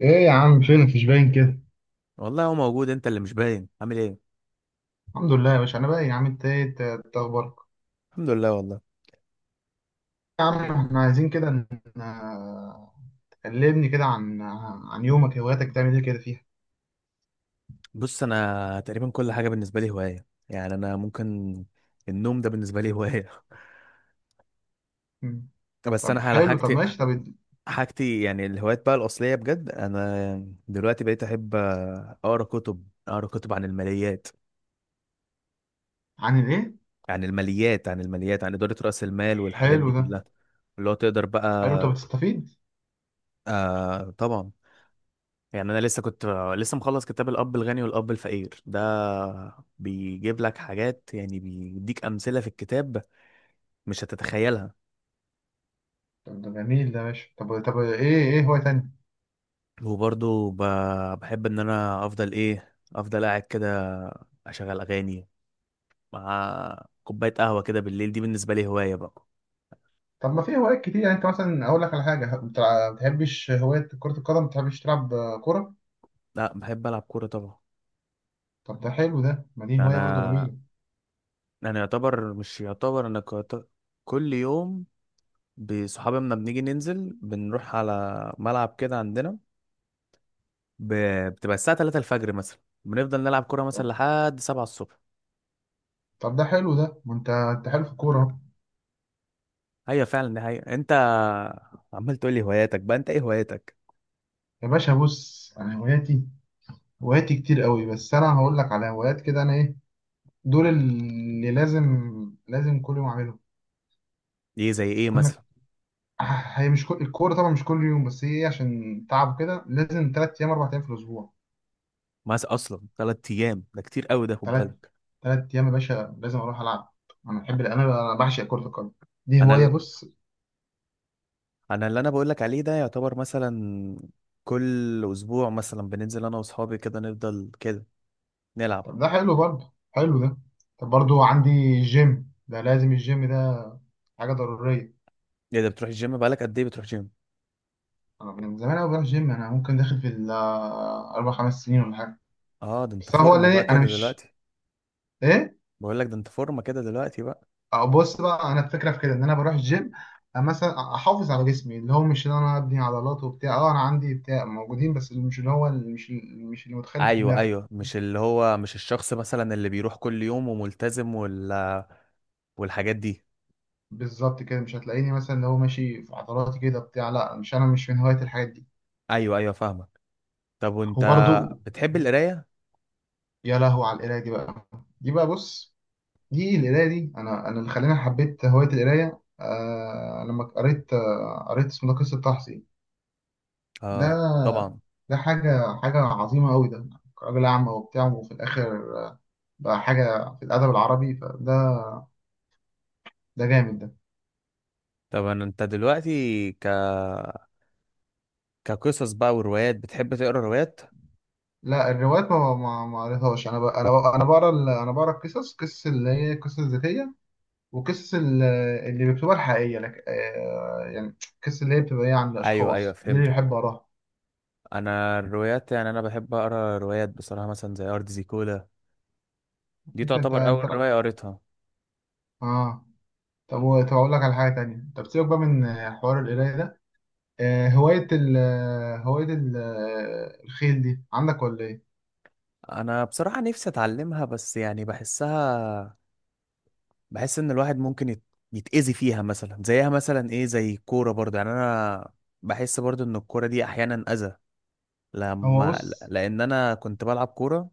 ايه يا عم، فينك؟ مش باين كده. والله هو موجود، انت اللي مش باين. عامل ايه؟ الحمد لله يا باشا. انا بقى يا عم، انت ايه؟ إنت اخبارك؟ الحمد لله والله. يا عم، احنا عايزين كده آه، تكلمني كده عن يومك، هواياتك بتعمل ايه كده فيها؟ بص، انا تقريبا كل حاجه بالنسبه لي هوايه، يعني انا ممكن النوم ده بالنسبه لي هوايه. مم. بس انا طب على حلو، طب حاجتي ماشي، طب. حاجتي يعني. الهوايات بقى الاصليه بجد، انا دلوقتي بقيت احب اقرا كتب عن الماليات عن الايه؟ عن الماليات عن الماليات عن اداره راس المال والحاجات حلو دي ده. كلها اللي هو تقدر بقى. حلو، طب تستفيد. آه، طبعا. يعني انا لسه مخلص كتاب الاب الغني والاب الفقير ده، بيجيب لك حاجات، يعني بيديك امثله في الكتاب مش هتتخيلها. طب ده جميل ده يا باشا. طب، طب ايه هواية تانية؟ وبرضه بحب ان انا افضل قاعد كده، اشغل اغاني مع كوبايه قهوه كده بالليل. دي بالنسبه لي هوايه بقى. طب ما في هوايات كتير، يعني انت مثلا اقول لك على حاجة، ما بتحبش هواية كرة القدم؟ ما بتحبش تلعب كرة؟ لا، بحب العب كوره طبعا. طب ده حلو ده، ما دي هواية برضو انا جميلة. انا يعتبر مش يعتبر، انا كل يوم بصحابي لما بنيجي ننزل، بنروح على ملعب كده عندنا. ب... بتبقى الساعة 3 الفجر مثلا، بنفضل نلعب كورة مثلا طب لحد 7 الصبح. طب ده حلو ده، ما انت حلو في الكورة أهو. ايوه، فعلا، دي حقيقة. انت عمال تقول لي هواياتك بقى، انت ايه هواياتك؟ يا باشا، بص، انا هواياتي كتير قوي، بس انا هقول لك على هوايات كده انا ايه، دول اللي لازم كل يوم اعملهم. ايه زي ايه عندك مثلا؟ هي مش كل الكوره طبعا، مش كل يوم، بس هي عشان تعب كده لازم 3 ايام 4 ايام في الاسبوع. مثلا اصلا 3 ايام ده كتير قوي ده، خد تلات بالك. تلات ايام يا باشا لازم اروح العب. انا بعشق كره القدم، دي انا هوايه. ال... بص انا اللي بقول لك عليه ده يعتبر مثلا كل اسبوع، مثلا بننزل انا واصحابي كده، نفضل كده نلعب. طب ده حلو برضه، حلو ده. طب برضه عندي جيم، ده لازم الجيم ده، حاجه ضروريه. ايه ده، بتروح الجيم؟ بقالك قد ايه بتروح جيم؟ أنا من زمان أوي بروح جيم، أنا ممكن داخل في ال آه، 4 5 سنين ولا حاجة. اه، ده انت بس هو فورمة اللي بقى إيه، أنا كده مش دلوقتي. إيه. بقول لك ده انت فورمة كده دلوقتي بقى. أو بص بقى، أنا الفكرة في كده إن أنا بروح الجيم مثلا أحافظ على جسمي، اللي هو مش إن أنا أبني عضلات وبتاع. أنا عندي بتاع موجودين، بس اللي مش اللي هو اللي مش مش اللي متخيل في ايوه، دماغك. ايوه، مش اللي هو مش الشخص مثلا اللي بيروح كل يوم وملتزم والحاجات دي. بالظبط كده مش هتلاقيني مثلا اللي هو ماشي في عضلاتي كده بتاع، لا مش أنا، مش من هواية الحاجات دي. ايوه، ايوه، فاهمك. طب وانت، وبرضو، بتحب القرايه؟ يا لهو على القراية دي بقى بص، دي القراية دي، أنا اللي خلاني حبيت هواية القراية. لما قريت، قريت اسمه ده قصة تحصي. اه، ده طبعا. ده حاجة عظيمة أوي ده. راجل أعمى وبتاع، وفي الآخر بقى حاجة في الأدب العربي. فده ده جامد ده. طب انت دلوقتي كقصص بقى وروايات، بتحب تقرا روايات؟ لا الروايات ما قريتهاش. أنا بقى أنا بقرا القصص، قصص اللي هي قصص ذاتية، وقصص اللي بيكتبها الحقيقية لك، يعني قصص اللي هي بتبقى إيه، عن ايوه، ايوه، الأشخاص دي اللي فهمتك. بحب أقراها. انا الروايات، يعني انا بحب اقرا روايات بصراحه، مثلا زي ارض زيكولا، دي أنت أنت تعتبر اول أنت روايه قريتها. آه طب، طب أقول لك على حاجة تانية. طب سيبك بقى من حوار القراية ده. آه، هواية ال آه، هواية ال آه، الخيل دي عندك ولا إيه؟ انا بصراحه نفسي اتعلمها، بس يعني بحس ان الواحد ممكن يتأذي فيها مثلا، زيها مثلا ايه، زي الكوره برضه، يعني انا بحس برضه ان الكوره دي احيانا اذى هو لما بص، لان انا كنت بلعب كوره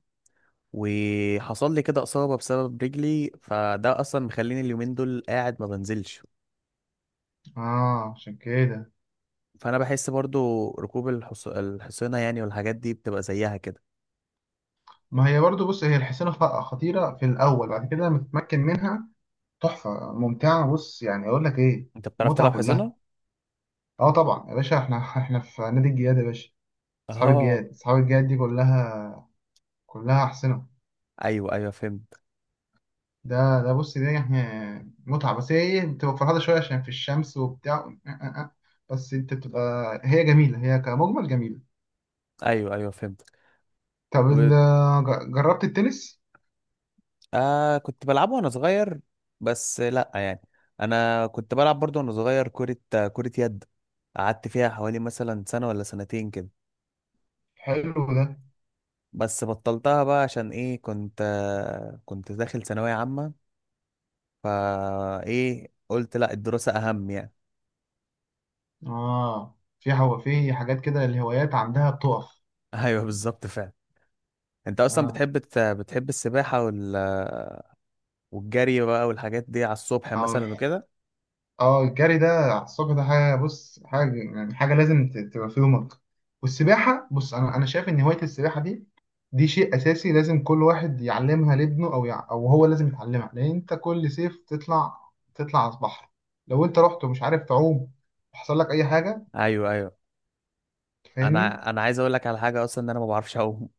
وحصل لي كده اصابه بسبب رجلي، فده اصلا مخليني اليومين دول قاعد ما بنزلش. آه عشان كده. فانا بحس برضه ركوب الحصينه يعني والحاجات دي بتبقى زيها كده. ما هي برضو، بص، هي الحصانة خطيرة في الأول، بعد كده لما تتمكن منها تحفة، ممتعة. بص يعني أقول لك إيه، انت بتعرف تلعب متعة كلها. حصينه؟ آه طبعا يا باشا، إحنا في نادي الجياد يا باشا. أصحاب اه. الجياد، أصحاب الجياد دي كلها، كلها أحسنة. ايوه، ايوه، فهمت. ده بص، دي يعني متعة، بس هي ايه، بتبقى فرهدة شوية عشان في الشمس وبتاع. بس انت بتبقى، هي جميلة، هي كمجمل جميلة. ايوه، ايوه، فهمت. طب جربت التنس؟ آه، كنت بلعبه وانا صغير، بس لا يعني. انا كنت بلعب برضه وانا صغير كرة يد. قعدت فيها حوالي مثلا سنة ولا سنتين كده، حلو ده. بس بطلتها بقى. عشان ايه؟ كنت داخل ثانوية عامة، فا ايه، قلت لا، الدراسة اهم يعني. اه، في حاجات كده الهوايات عندها بتقف. ايوه، بالظبط، فعلا. انت اصلا اه. بتحب السباحة والجري بقى والحاجات دي على الصبح أو مثلا وكده؟ اه، الجري ده على الصبح، ده حاجه، بص، حاجه يعني حاجه لازم تبقى في يومك. والسباحه، بص، انا شايف ان هوايه السباحه دي دي شيء اساسي، لازم كل واحد يعلمها لابنه، او او هو لازم يتعلمها، لان انت كل صيف تطلع على البحر، لو انت رحت ومش عارف تعوم وحصل لك اي حاجه، ايوه، ايوه. تفهمني. انا عايز اقول لك على حاجة، اصلا ان انا ما بعرفش اعوم.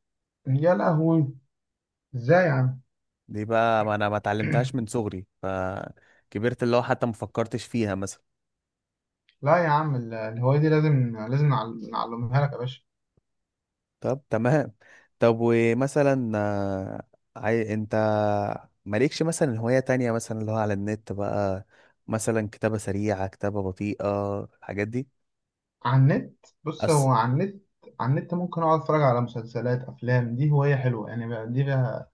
يا لهوي، ازاي يا عم؟ دي بقى، ما انا ما اتعلمتهاش من صغري فكبرت، اللي هو حتى ما فكرتش فيها مثلا. لا يا عم، الهوايه دي لازم نعلمها لك يا باشا. طب تمام. طب ومثلا انت مالكش مثلا هواية تانية، مثلا اللي هو على النت بقى، مثلا كتابة سريعة، كتابة بطيئة، الحاجات دي؟ على النت، بص، هو أس... على النت ممكن اقعد اتفرج على مسلسلات، افلام، دي هوايه حلوه يعني بقى دي بقى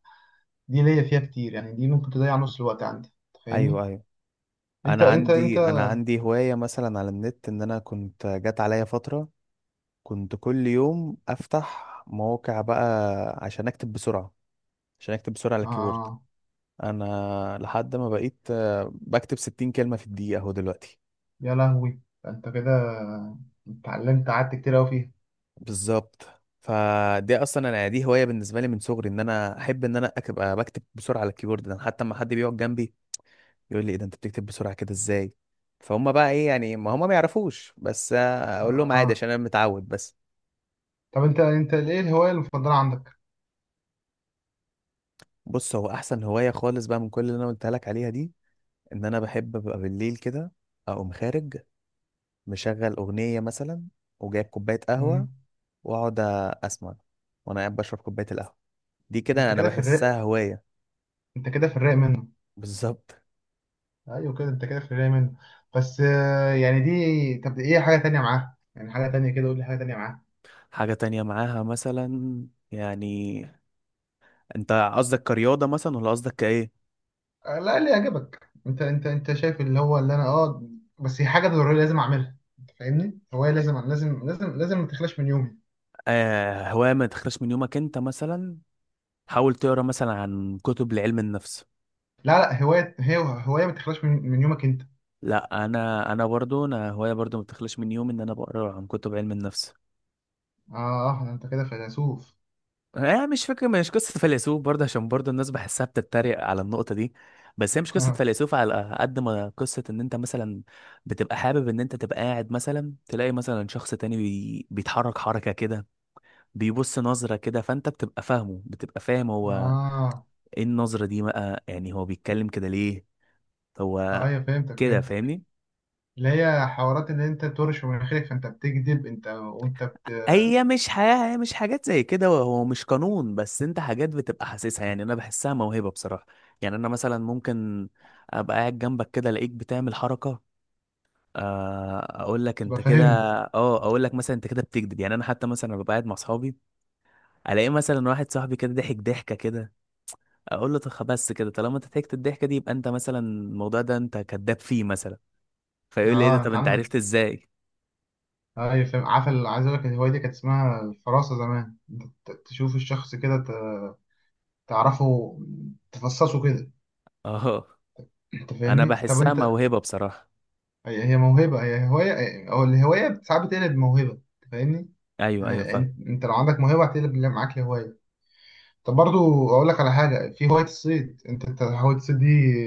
دي ليا فيها كتير يعني، دي ممكن تضيع نص الوقت عندي، ايوه، تفهمني؟ ايوه. انت انا انت انت عندي انا عندي هواية مثلا على النت، ان انا كنت جات عليا فترة كنت كل يوم افتح مواقع بقى عشان اكتب بسرعة، عشان اكتب بسرعة على الكيبورد. اه. انا لحد ما بقيت بكتب 60 كلمه في الدقيقه اهو دلوقتي. يا لهوي، ده انت كده اتعلمت، قعدت كتير قوي فيها. بالظبط. فدي اصلا، انا دي هوايه بالنسبه لي من صغري، ان انا احب ان انا ابقى بكتب بسرعه على الكيبورد. ده حتى لما حد بيقعد جنبي يقول لي ايه ده، انت بتكتب بسرعه كده ازاي. فهم بقى ايه يعني، ما هم ما يعرفوش، بس اقول لهم عادي، اه عشان انا متعود بس. طب انت ايه الهوايه المفضله عندك؟ بص، هو احسن هوايه خالص بقى من كل اللي انا قلتها لك عليها دي، ان انا بحب ابقى بالليل كده اقوم خارج، مشغل اغنيه مثلا وجايب كوبايه قهوه، مم. واقعد اسمع وانا قاعد بشرب كوبايه القهوه. دي دي كده انت انا كده في الرق. بحسها هوايه. انت كده في الرق منه. بالظبط. ايوه كده، انت كده في الرق منه. بس يعني دي، طب ايه حاجه تانية معاها؟ يعني حاجه تانية كده، قول لي حاجه تانية معاها. حاجه تانية معاها مثلا؟ يعني انت قصدك كرياضه مثلا ولا قصدك كايه؟ لا، اللي يعجبك انت شايف اللي هو اللي انا بس هي حاجه ضروريه، لازم اعملها، انت فاهمني؟ هوايه لازم، لازم، لازم، لازم ما تخلاش من يومي. آه، هوايه ما تخرجش من يومك؟ انت مثلا حاول تقرا مثلا عن كتب لعلم النفس. لا لا، هوايه، هي هوايه ما تخلاش من يومك انت. لا، انا برضو، انا هوايه برضو ما تخرجش من يومي ان انا بقرا عن كتب علم النفس. اه ده انت كده فيلسوف. آه، مش فكرة، مش قصة فيلسوف برضه، عشان برضه الناس بحسها بتتريق على النقطة دي. بس هي مش قصة فيلسوف على قد ما قصة ان انت مثلا بتبقى حابب ان انت تبقى قاعد مثلا، تلاقي مثلا شخص تاني بيتحرك حركة كده، بيبص نظرة كده، فانت بتبقى فاهم هو اه. ايه النظرة دي بقى، يعني هو بيتكلم كده ليه. هو ايوه فهمتك، كده فهمتك. فاهمني. اللي هي حوارات، اللي انت بترش من مناخيرك، فانت بتكذب انت، وانت هي مش حياة، هي مش حاجات زي كده، هو مش قانون، بس انت حاجات بتبقى حاسسها. يعني انا بحسها موهبة بصراحة. يعني انا مثلا ممكن ابقى قاعد جنبك كده الاقيك بتعمل حركة، اقول لك بتبقى انت كده. فاهمني. اه، اقول لك مثلا انت كده بتكذب. يعني انا حتى مثلا ببقى قاعد مع اصحابي، الاقي مثلا واحد صاحبي كده ضحك ضحكة كده، اقول له طب بس كده، طالما انت ضحكت الضحكة دي يبقى انت مثلا الموضوع ده انت كذاب فيه مثلا. فيقول لي ايه ده، اه طب انت انت عندك. عرفت ازاي. ايوه فاهم، عارف عايز اقول لك، الهوايه دي كانت اسمها الفراسه زمان، انت تشوف الشخص كده، تعرفه، تفصصه كده، اه، انت انا فاهمني؟ طب بحسها انت، موهبة بصراحة. هي موهبه، هي هوايه، او الهوايه ساعات بتقلب موهبه، انت فاهمني؟ ايوه، ايوه، يعني فاهم. انت لو عندك موهبه هتقلب اللي معاك لهوايه. طب برضو اقول لك على حاجه، في هوايه الصيد، انت هوايه الصيد دي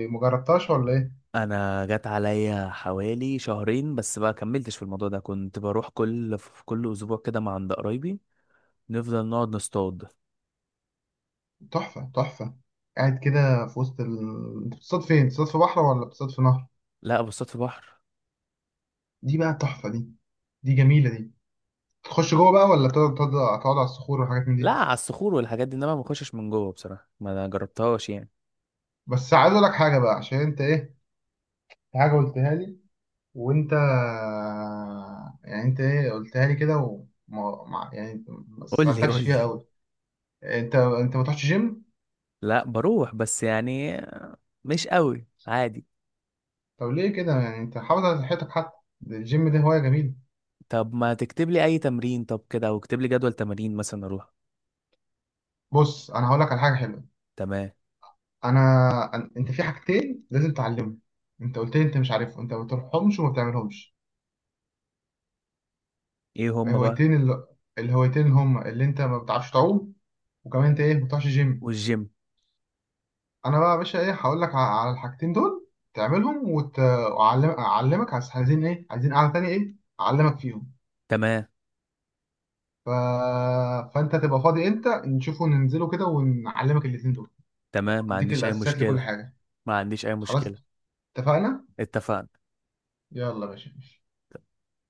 مجربتهاش ولا ايه؟ انا جت عليا حوالي شهرين بس، بقى كملتش في الموضوع ده. كنت بروح في كل اسبوع كده مع عند قرايبي، نفضل نقعد نصطاد. تحفه تحفه. قاعد كده في وسط انت بتصطاد فين؟ بتصطاد في بحر ولا بتصطاد في نهر؟ لا، بصطاد في بحر. دي بقى تحفه دي، دي جميله دي. تخش جوه بقى، ولا تقعد على الصخور وحاجات من لا، دي؟ على الصخور والحاجات دي، انما ما بخشش من جوه بصراحه، ما انا جربتهاش يعني. بس عايز اقول لك حاجه بقى، عشان انت ايه، في حاجه قلتها لي، وانت يعني انت ايه قلتها لي كده، وما ما- يعني ما قول لي، سألتكش قول لي. فيها قوي. انت ما تروحش جيم؟ لا، بروح، بس يعني مش قوي عادي. طب ليه كده يعني؟ انت حافظ على صحتك حتى، ده الجيم ده هواية جميلة. طب ما تكتب لي اي تمرين طب كده، او اكتب لي جدول تمارين مثلا اروح. بص انا هقول لك على حاجة حلوة. تمام. انا انت في حاجتين لازم تعلمهم، انت قلت لي انت مش عارفهم، انت ما بتروحهمش وما بتعملهمش. ايه هم بقى؟ الهوايتين اللي الهوايتين اللي هم، اللي انت ما بتعرفش تعوم، وكمان انت ايه، ما بتروحش جيم. والجيم. انا بقى يا باشا ايه، هقول لك على الحاجتين دول تعملهم، اعلمك. عايزين ايه؟ عايزين قعده تانية، ايه، اعلمك فيهم. تمام. ف... فانت تبقى فاضي امتى؟ نشوفه، ننزله كده ونعلمك الاتنين دول. تمام، ما اديك عنديش اي الاساسيات مشكله. لكل حاجه. ما عنديش اي خلاص، مشكله. اتفقنا. اتفقنا. يلا يا باشا.